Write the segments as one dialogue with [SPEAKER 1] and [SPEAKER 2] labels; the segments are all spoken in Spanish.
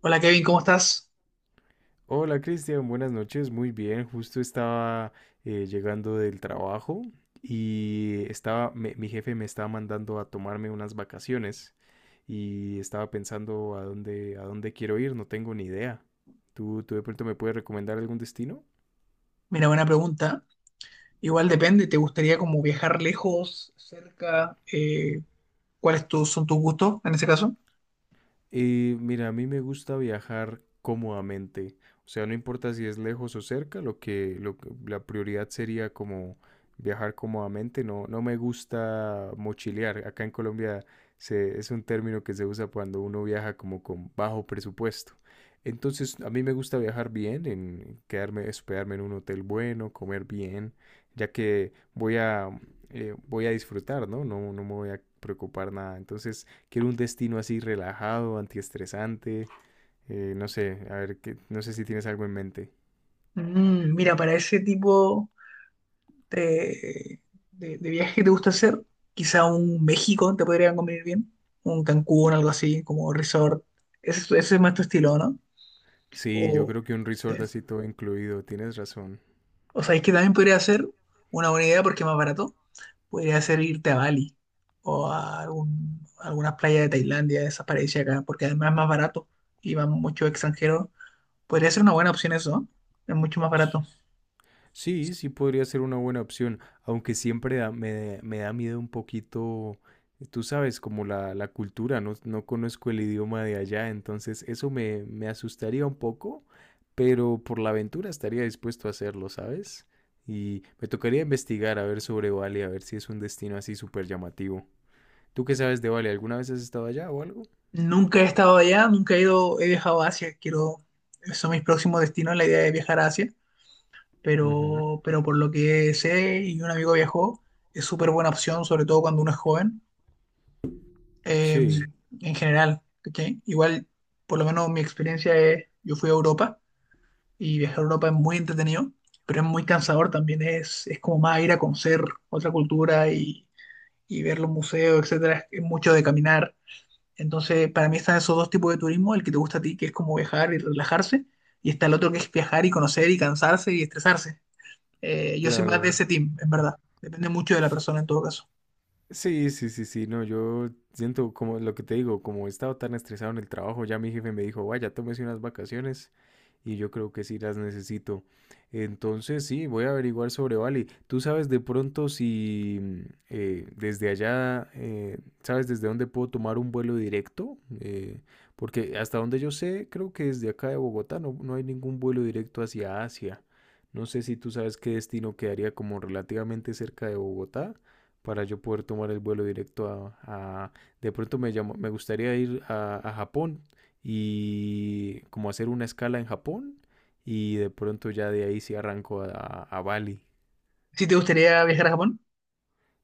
[SPEAKER 1] Hola Kevin, ¿cómo estás?
[SPEAKER 2] Hola Cristian, buenas noches, muy bien, justo estaba llegando del trabajo y estaba, mi jefe me estaba mandando a tomarme unas vacaciones y estaba pensando a dónde quiero ir, no tengo ni idea. ¿Tú de pronto me puedes recomendar algún destino?
[SPEAKER 1] Mira, buena pregunta. Igual depende, ¿te gustaría como viajar lejos, cerca? Son tus gustos en ese caso?
[SPEAKER 2] Y mira, a mí me gusta viajar cómodamente, o sea, no importa si es lejos o cerca, la prioridad sería como viajar cómodamente, no, no me gusta mochilear. Acá en Colombia es un término que se usa cuando uno viaja como con bajo presupuesto. Entonces, a mí me gusta viajar bien, en quedarme, hospedarme en un hotel bueno, comer bien, ya que voy a disfrutar, ¿no? No, no me voy a preocupar nada. Entonces, quiero un destino así relajado, antiestresante, no sé, a ver, que, no sé si tienes algo en mente.
[SPEAKER 1] Mira, para ese tipo de, de viaje que te gusta hacer, quizá un México te podría convenir bien, un Cancún, algo así, como resort. Ese es más tu estilo, ¿no?
[SPEAKER 2] Sí, yo
[SPEAKER 1] O,
[SPEAKER 2] creo que un
[SPEAKER 1] sí.
[SPEAKER 2] resort así todo incluido, tienes razón.
[SPEAKER 1] O sea, es que también podría ser una buena idea porque es más barato. Podría ser irte a Bali o a algunas playas de Tailandia, de esas paradisíacas, acá, porque además es más barato y van muchos extranjeros. Podría ser una buena opción eso, ¿no? Es mucho más
[SPEAKER 2] S-
[SPEAKER 1] barato.
[SPEAKER 2] Sí, sí podría ser una buena opción, aunque siempre me da miedo un poquito, tú sabes, como la cultura, no, no conozco el idioma de allá, entonces eso me asustaría un poco, pero por la aventura estaría dispuesto a hacerlo, ¿sabes? Y me tocaría investigar a ver sobre Bali, a ver si es un destino así súper llamativo. ¿Tú qué sabes de Bali? ¿Alguna vez has estado allá o algo?
[SPEAKER 1] Nunca he estado allá, nunca he ido, he viajado a Asia. Quiero, son mis próximos destinos, la idea de viajar a Asia,
[SPEAKER 2] Ujú.
[SPEAKER 1] pero por lo que sé y un amigo viajó, es súper buena opción, sobre todo cuando uno es joven, eh,
[SPEAKER 2] Sí,
[SPEAKER 1] en general, ¿cachai? Igual, por lo menos mi experiencia es, yo fui a Europa y viajar a Europa es muy entretenido, pero es muy cansador también, es como más ir a conocer otra cultura y ver los museos, etcétera, es mucho de caminar. Entonces, para mí están esos dos tipos de turismo, el que te gusta a ti, que es como viajar y relajarse, y está el otro que es viajar y conocer y cansarse y estresarse. Yo soy más de
[SPEAKER 2] claro.
[SPEAKER 1] ese team, en verdad. Depende mucho de la persona en todo caso.
[SPEAKER 2] Sí, sí, sí, sí, no, yo siento como lo que te digo, como he estado tan estresado en el trabajo, ya mi jefe me dijo, vaya, tómese unas vacaciones y yo creo que sí las necesito. Entonces, sí, voy a averiguar sobre Bali. ¿Tú sabes de pronto si desde allá, sabes desde dónde puedo tomar un vuelo directo? Porque hasta donde yo sé, creo que desde acá de Bogotá no, no hay ningún vuelo directo hacia Asia. No sé si tú sabes qué destino quedaría como relativamente cerca de Bogotá para yo poder tomar el vuelo directo de pronto me llamo, me gustaría ir a Japón y como hacer una escala en Japón y de pronto ya de ahí sí arranco a Bali.
[SPEAKER 1] Si te gustaría viajar a Japón,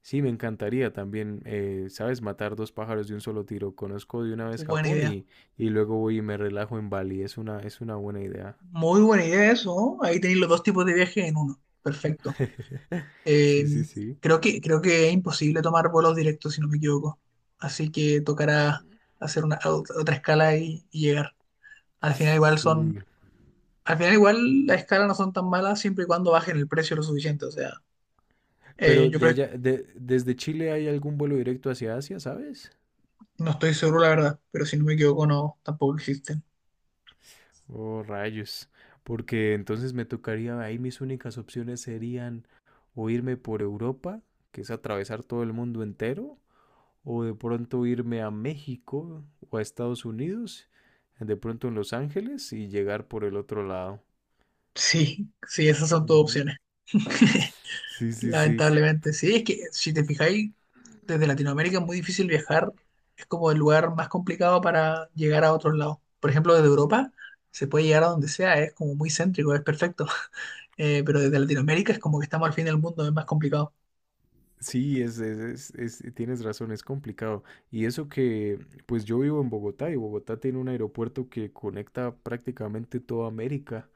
[SPEAKER 2] Sí, me encantaría también, ¿sabes? Matar dos pájaros de un solo tiro. Conozco de una vez
[SPEAKER 1] buena
[SPEAKER 2] Japón
[SPEAKER 1] idea.
[SPEAKER 2] y luego voy y me relajo en Bali. Es una buena idea.
[SPEAKER 1] Muy buena idea eso, ¿no? Ahí tenéis los dos tipos de viaje en uno. Perfecto. Eh,
[SPEAKER 2] Sí, sí, sí.
[SPEAKER 1] creo que es imposible tomar vuelos directos, si no me equivoco. Así que tocará hacer una, otra escala y llegar. Al final igual son,
[SPEAKER 2] Uy.
[SPEAKER 1] al final igual las escalas no son tan malas siempre y cuando bajen el precio lo suficiente. O sea, eh,
[SPEAKER 2] Pero
[SPEAKER 1] yo
[SPEAKER 2] de
[SPEAKER 1] creo-
[SPEAKER 2] allá, desde Chile hay algún vuelo directo hacia Asia, ¿sabes?
[SPEAKER 1] no estoy seguro la verdad, pero si no me equivoco no, tampoco existen.
[SPEAKER 2] Oh, rayos. Porque entonces me tocaría, ahí mis únicas opciones serían o irme por Europa, que es atravesar todo el mundo entero, o de pronto irme a México o a Estados Unidos, de pronto en Los Ángeles y llegar por el otro lado.
[SPEAKER 1] Sí, sí, esas son todas
[SPEAKER 2] Ujú.
[SPEAKER 1] opciones.
[SPEAKER 2] Sí, sí, sí.
[SPEAKER 1] Lamentablemente, sí, es que si te fijáis, desde Latinoamérica es muy difícil viajar, es como el lugar más complicado para llegar a otros lados. Por ejemplo, desde Europa se puede llegar a donde sea, es como muy céntrico, es perfecto. Pero desde Latinoamérica es como que estamos al fin del mundo, es más complicado.
[SPEAKER 2] Sí, tienes razón, es complicado. Y eso que, pues yo vivo en Bogotá y Bogotá tiene un aeropuerto que conecta prácticamente toda América.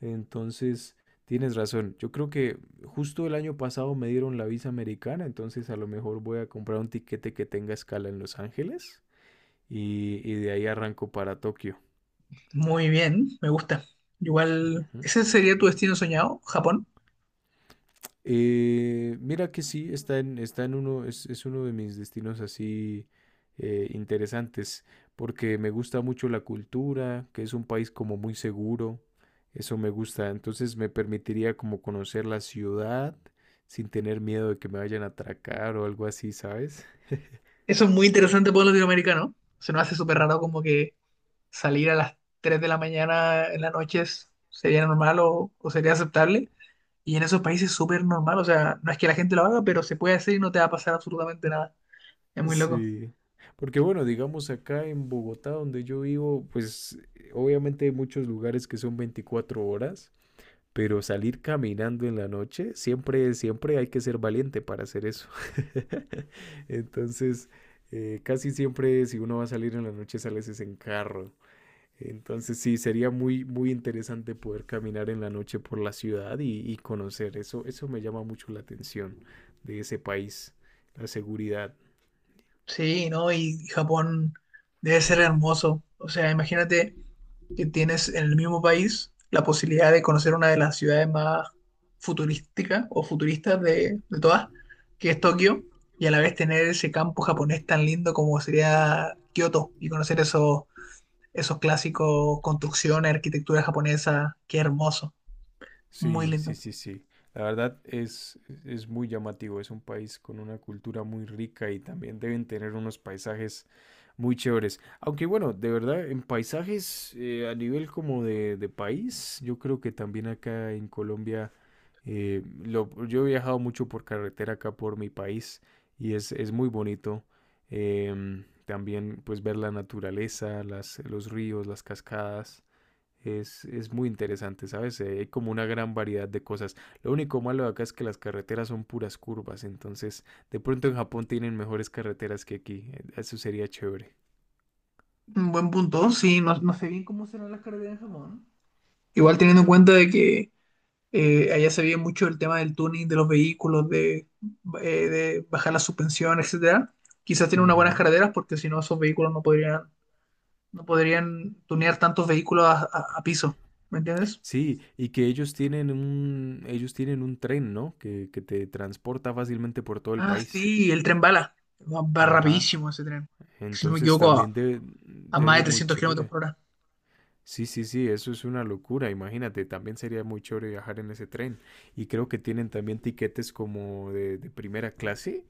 [SPEAKER 2] Entonces, tienes razón. Yo creo que justo el año pasado me dieron la visa americana, entonces a lo mejor voy a comprar un tiquete que tenga escala en Los Ángeles y de ahí arranco para Tokio.
[SPEAKER 1] Muy bien, me gusta. Igual,
[SPEAKER 2] Ujú.
[SPEAKER 1] ¿ese sería tu destino soñado, Japón?
[SPEAKER 2] Mira que sí, está en uno, es uno de mis destinos así interesantes, porque me gusta mucho la cultura, que es un país como muy seguro, eso me gusta, entonces me permitiría como conocer la ciudad sin tener miedo de que me vayan a atracar o algo así, ¿sabes?
[SPEAKER 1] Eso es muy interesante para un latinoamericano, se nos hace súper raro como que salir a las 3 de la mañana en la noche sería normal o sería aceptable. Y en esos países es súper normal, o sea, no es que la gente lo haga, pero se puede hacer y no te va a pasar absolutamente nada. Es muy loco.
[SPEAKER 2] Sí, porque bueno, digamos acá en Bogotá, donde yo vivo, pues obviamente hay muchos lugares que son 24 horas. Pero salir caminando en la noche, siempre hay que ser valiente para hacer eso. Entonces, casi siempre si uno va a salir en la noche, sales es en carro. Entonces, sí, sería muy, muy interesante poder caminar en la noche por la ciudad y conocer. Eso me llama mucho la atención de ese país, la seguridad.
[SPEAKER 1] Sí, ¿no? Y Japón debe ser hermoso. O sea, imagínate que tienes en el mismo país la posibilidad de conocer una de las ciudades más futurísticas o futuristas de todas, que es Tokio, y a la vez tener ese campo japonés tan lindo como sería Kioto y conocer esos clásicos, construcciones, arquitectura japonesa, qué hermoso, muy
[SPEAKER 2] Sí, sí,
[SPEAKER 1] lindo.
[SPEAKER 2] sí, sí. La verdad es muy llamativo. Es un país con una cultura muy rica y también deben tener unos paisajes muy chéveres. Aunque bueno, de verdad, en paisajes a nivel como de país, yo creo que también acá en Colombia, yo he viajado mucho por carretera acá por mi país y es muy bonito. También pues ver la naturaleza, las, los ríos, las cascadas. Es muy interesante, ¿sabes? Hay como una gran variedad de cosas. Lo único malo de acá es que las carreteras son puras curvas, entonces de pronto en Japón tienen mejores carreteras que aquí. Eso sería chévere.
[SPEAKER 1] Un buen punto, sí, no, no sé bien cómo serán las carreteras en Japón. Igual teniendo en cuenta de que allá se ve mucho el tema del tuning de los vehículos, de bajar la suspensión, etcétera. Quizás tienen unas buenas
[SPEAKER 2] Ujú.
[SPEAKER 1] carreteras porque si no esos vehículos no podrían, no podrían tunear tantos vehículos a, a piso, ¿me entiendes?
[SPEAKER 2] Sí, y que ellos tienen un tren, ¿no? Que te transporta fácilmente por todo el
[SPEAKER 1] Ah,
[SPEAKER 2] país.
[SPEAKER 1] sí, el tren bala. Va, va
[SPEAKER 2] Ajá.
[SPEAKER 1] rapidísimo ese tren. Si no me
[SPEAKER 2] Entonces
[SPEAKER 1] equivoco,
[SPEAKER 2] también debe,
[SPEAKER 1] a
[SPEAKER 2] debe
[SPEAKER 1] más de
[SPEAKER 2] ser muy
[SPEAKER 1] 300 kilómetros
[SPEAKER 2] chévere.
[SPEAKER 1] por hora.
[SPEAKER 2] Sí, sí, sí, eso es una locura. Imagínate, también sería muy chévere viajar en ese tren. Y creo que tienen también tiquetes como de primera clase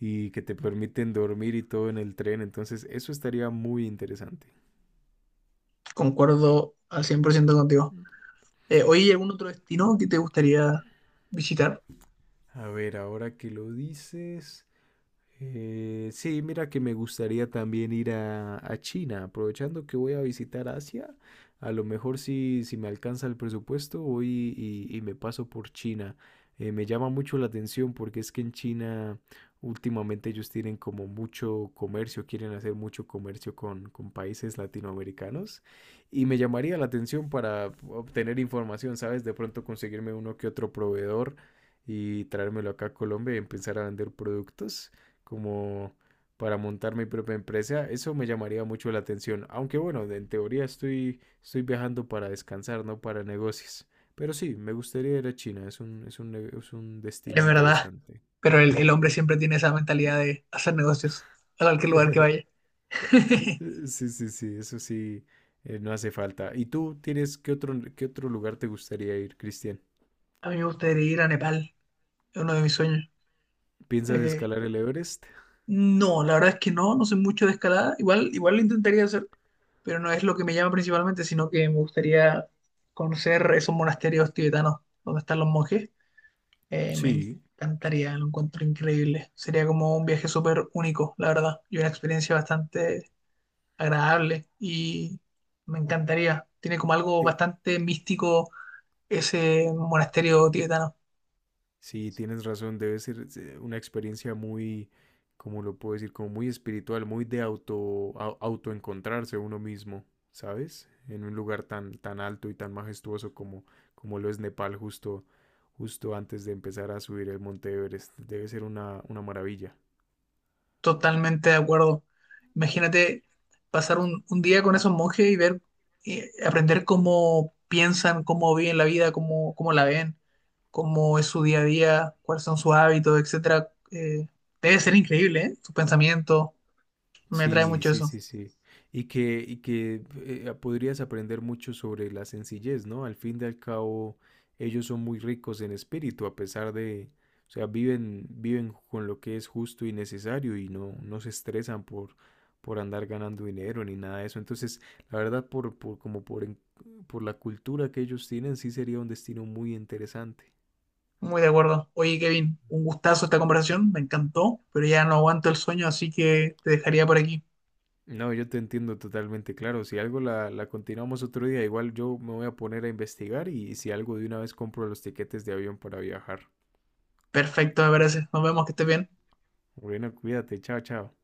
[SPEAKER 2] y que te permiten dormir y todo en el tren. Entonces, eso estaría muy interesante.
[SPEAKER 1] Concuerdo al 100% contigo. ¿Hoy hay algún otro destino que te gustaría visitar?
[SPEAKER 2] A ver, ahora que lo dices, sí, mira que me gustaría también ir a China, aprovechando que voy a visitar Asia, a lo mejor si me alcanza el presupuesto voy y me paso por China. Me llama mucho la atención porque es que en China últimamente ellos tienen como mucho comercio, quieren hacer mucho comercio con países latinoamericanos y me llamaría la atención para obtener información, ¿sabes? De pronto conseguirme uno que otro proveedor y traérmelo acá a Colombia y empezar a vender productos como para montar mi propia empresa, eso me llamaría mucho la atención. Aunque bueno, en teoría estoy viajando para descansar, no para negocios. Pero sí, me gustaría ir a China, es un destino
[SPEAKER 1] Es verdad,
[SPEAKER 2] interesante.
[SPEAKER 1] pero el hombre siempre tiene esa mentalidad de hacer negocios a cualquier lugar que vaya.
[SPEAKER 2] Sí, sí, sí, eso sí, no hace falta. ¿Y tú tienes qué otro lugar te gustaría ir, Cristian?
[SPEAKER 1] A mí me gustaría ir a Nepal, es uno de mis sueños.
[SPEAKER 2] ¿Piensas
[SPEAKER 1] Eh,
[SPEAKER 2] escalar el Everest?
[SPEAKER 1] no, la verdad es que no, no sé mucho de escalada. Igual, igual lo intentaría hacer, pero no es lo que me llama principalmente, sino que me gustaría conocer esos monasterios tibetanos donde están los monjes. Me
[SPEAKER 2] Sí.
[SPEAKER 1] encantaría, lo encuentro increíble. Sería como un viaje súper único, la verdad, y una experiencia bastante agradable. Y me encantaría. Tiene como algo bastante místico ese monasterio tibetano.
[SPEAKER 2] Sí, tienes razón, debe ser una experiencia muy, como lo puedo decir, como muy espiritual, muy de autoencontrarse uno mismo, ¿sabes? En un lugar tan, tan alto y tan majestuoso como, como lo es Nepal justo antes de empezar a subir el Monte Everest. Debe ser una maravilla.
[SPEAKER 1] Totalmente de acuerdo. Imagínate pasar un día con esos monjes y ver, aprender cómo piensan, cómo viven la vida, cómo, cómo la ven, cómo es su día a día, cuáles son sus hábitos, etcétera. Debe ser increíble, ¿eh? Sus pensamientos, me atrae
[SPEAKER 2] Sí,
[SPEAKER 1] mucho
[SPEAKER 2] sí,
[SPEAKER 1] eso.
[SPEAKER 2] sí, sí. Y que podrías aprender mucho sobre la sencillez, ¿no? Al fin y al cabo, ellos son muy ricos en espíritu, a pesar de, o sea, viven con lo que es justo y necesario y no, no se estresan por andar ganando dinero ni nada de eso. Entonces, la verdad, por, como por, en- por la cultura que ellos tienen, sí sería un destino muy interesante.
[SPEAKER 1] Muy de acuerdo. Oye, Kevin, un gustazo esta conversación. Me encantó, pero ya no aguanto el sueño, así que te dejaría por aquí.
[SPEAKER 2] No, yo te entiendo totalmente, claro. Si algo la continuamos otro día, igual yo me voy a poner a investigar y si algo de una vez compro los tiquetes de avión para viajar.
[SPEAKER 1] Perfecto, me parece. Nos vemos, que estés bien.
[SPEAKER 2] Bueno, cuídate, chao, chao.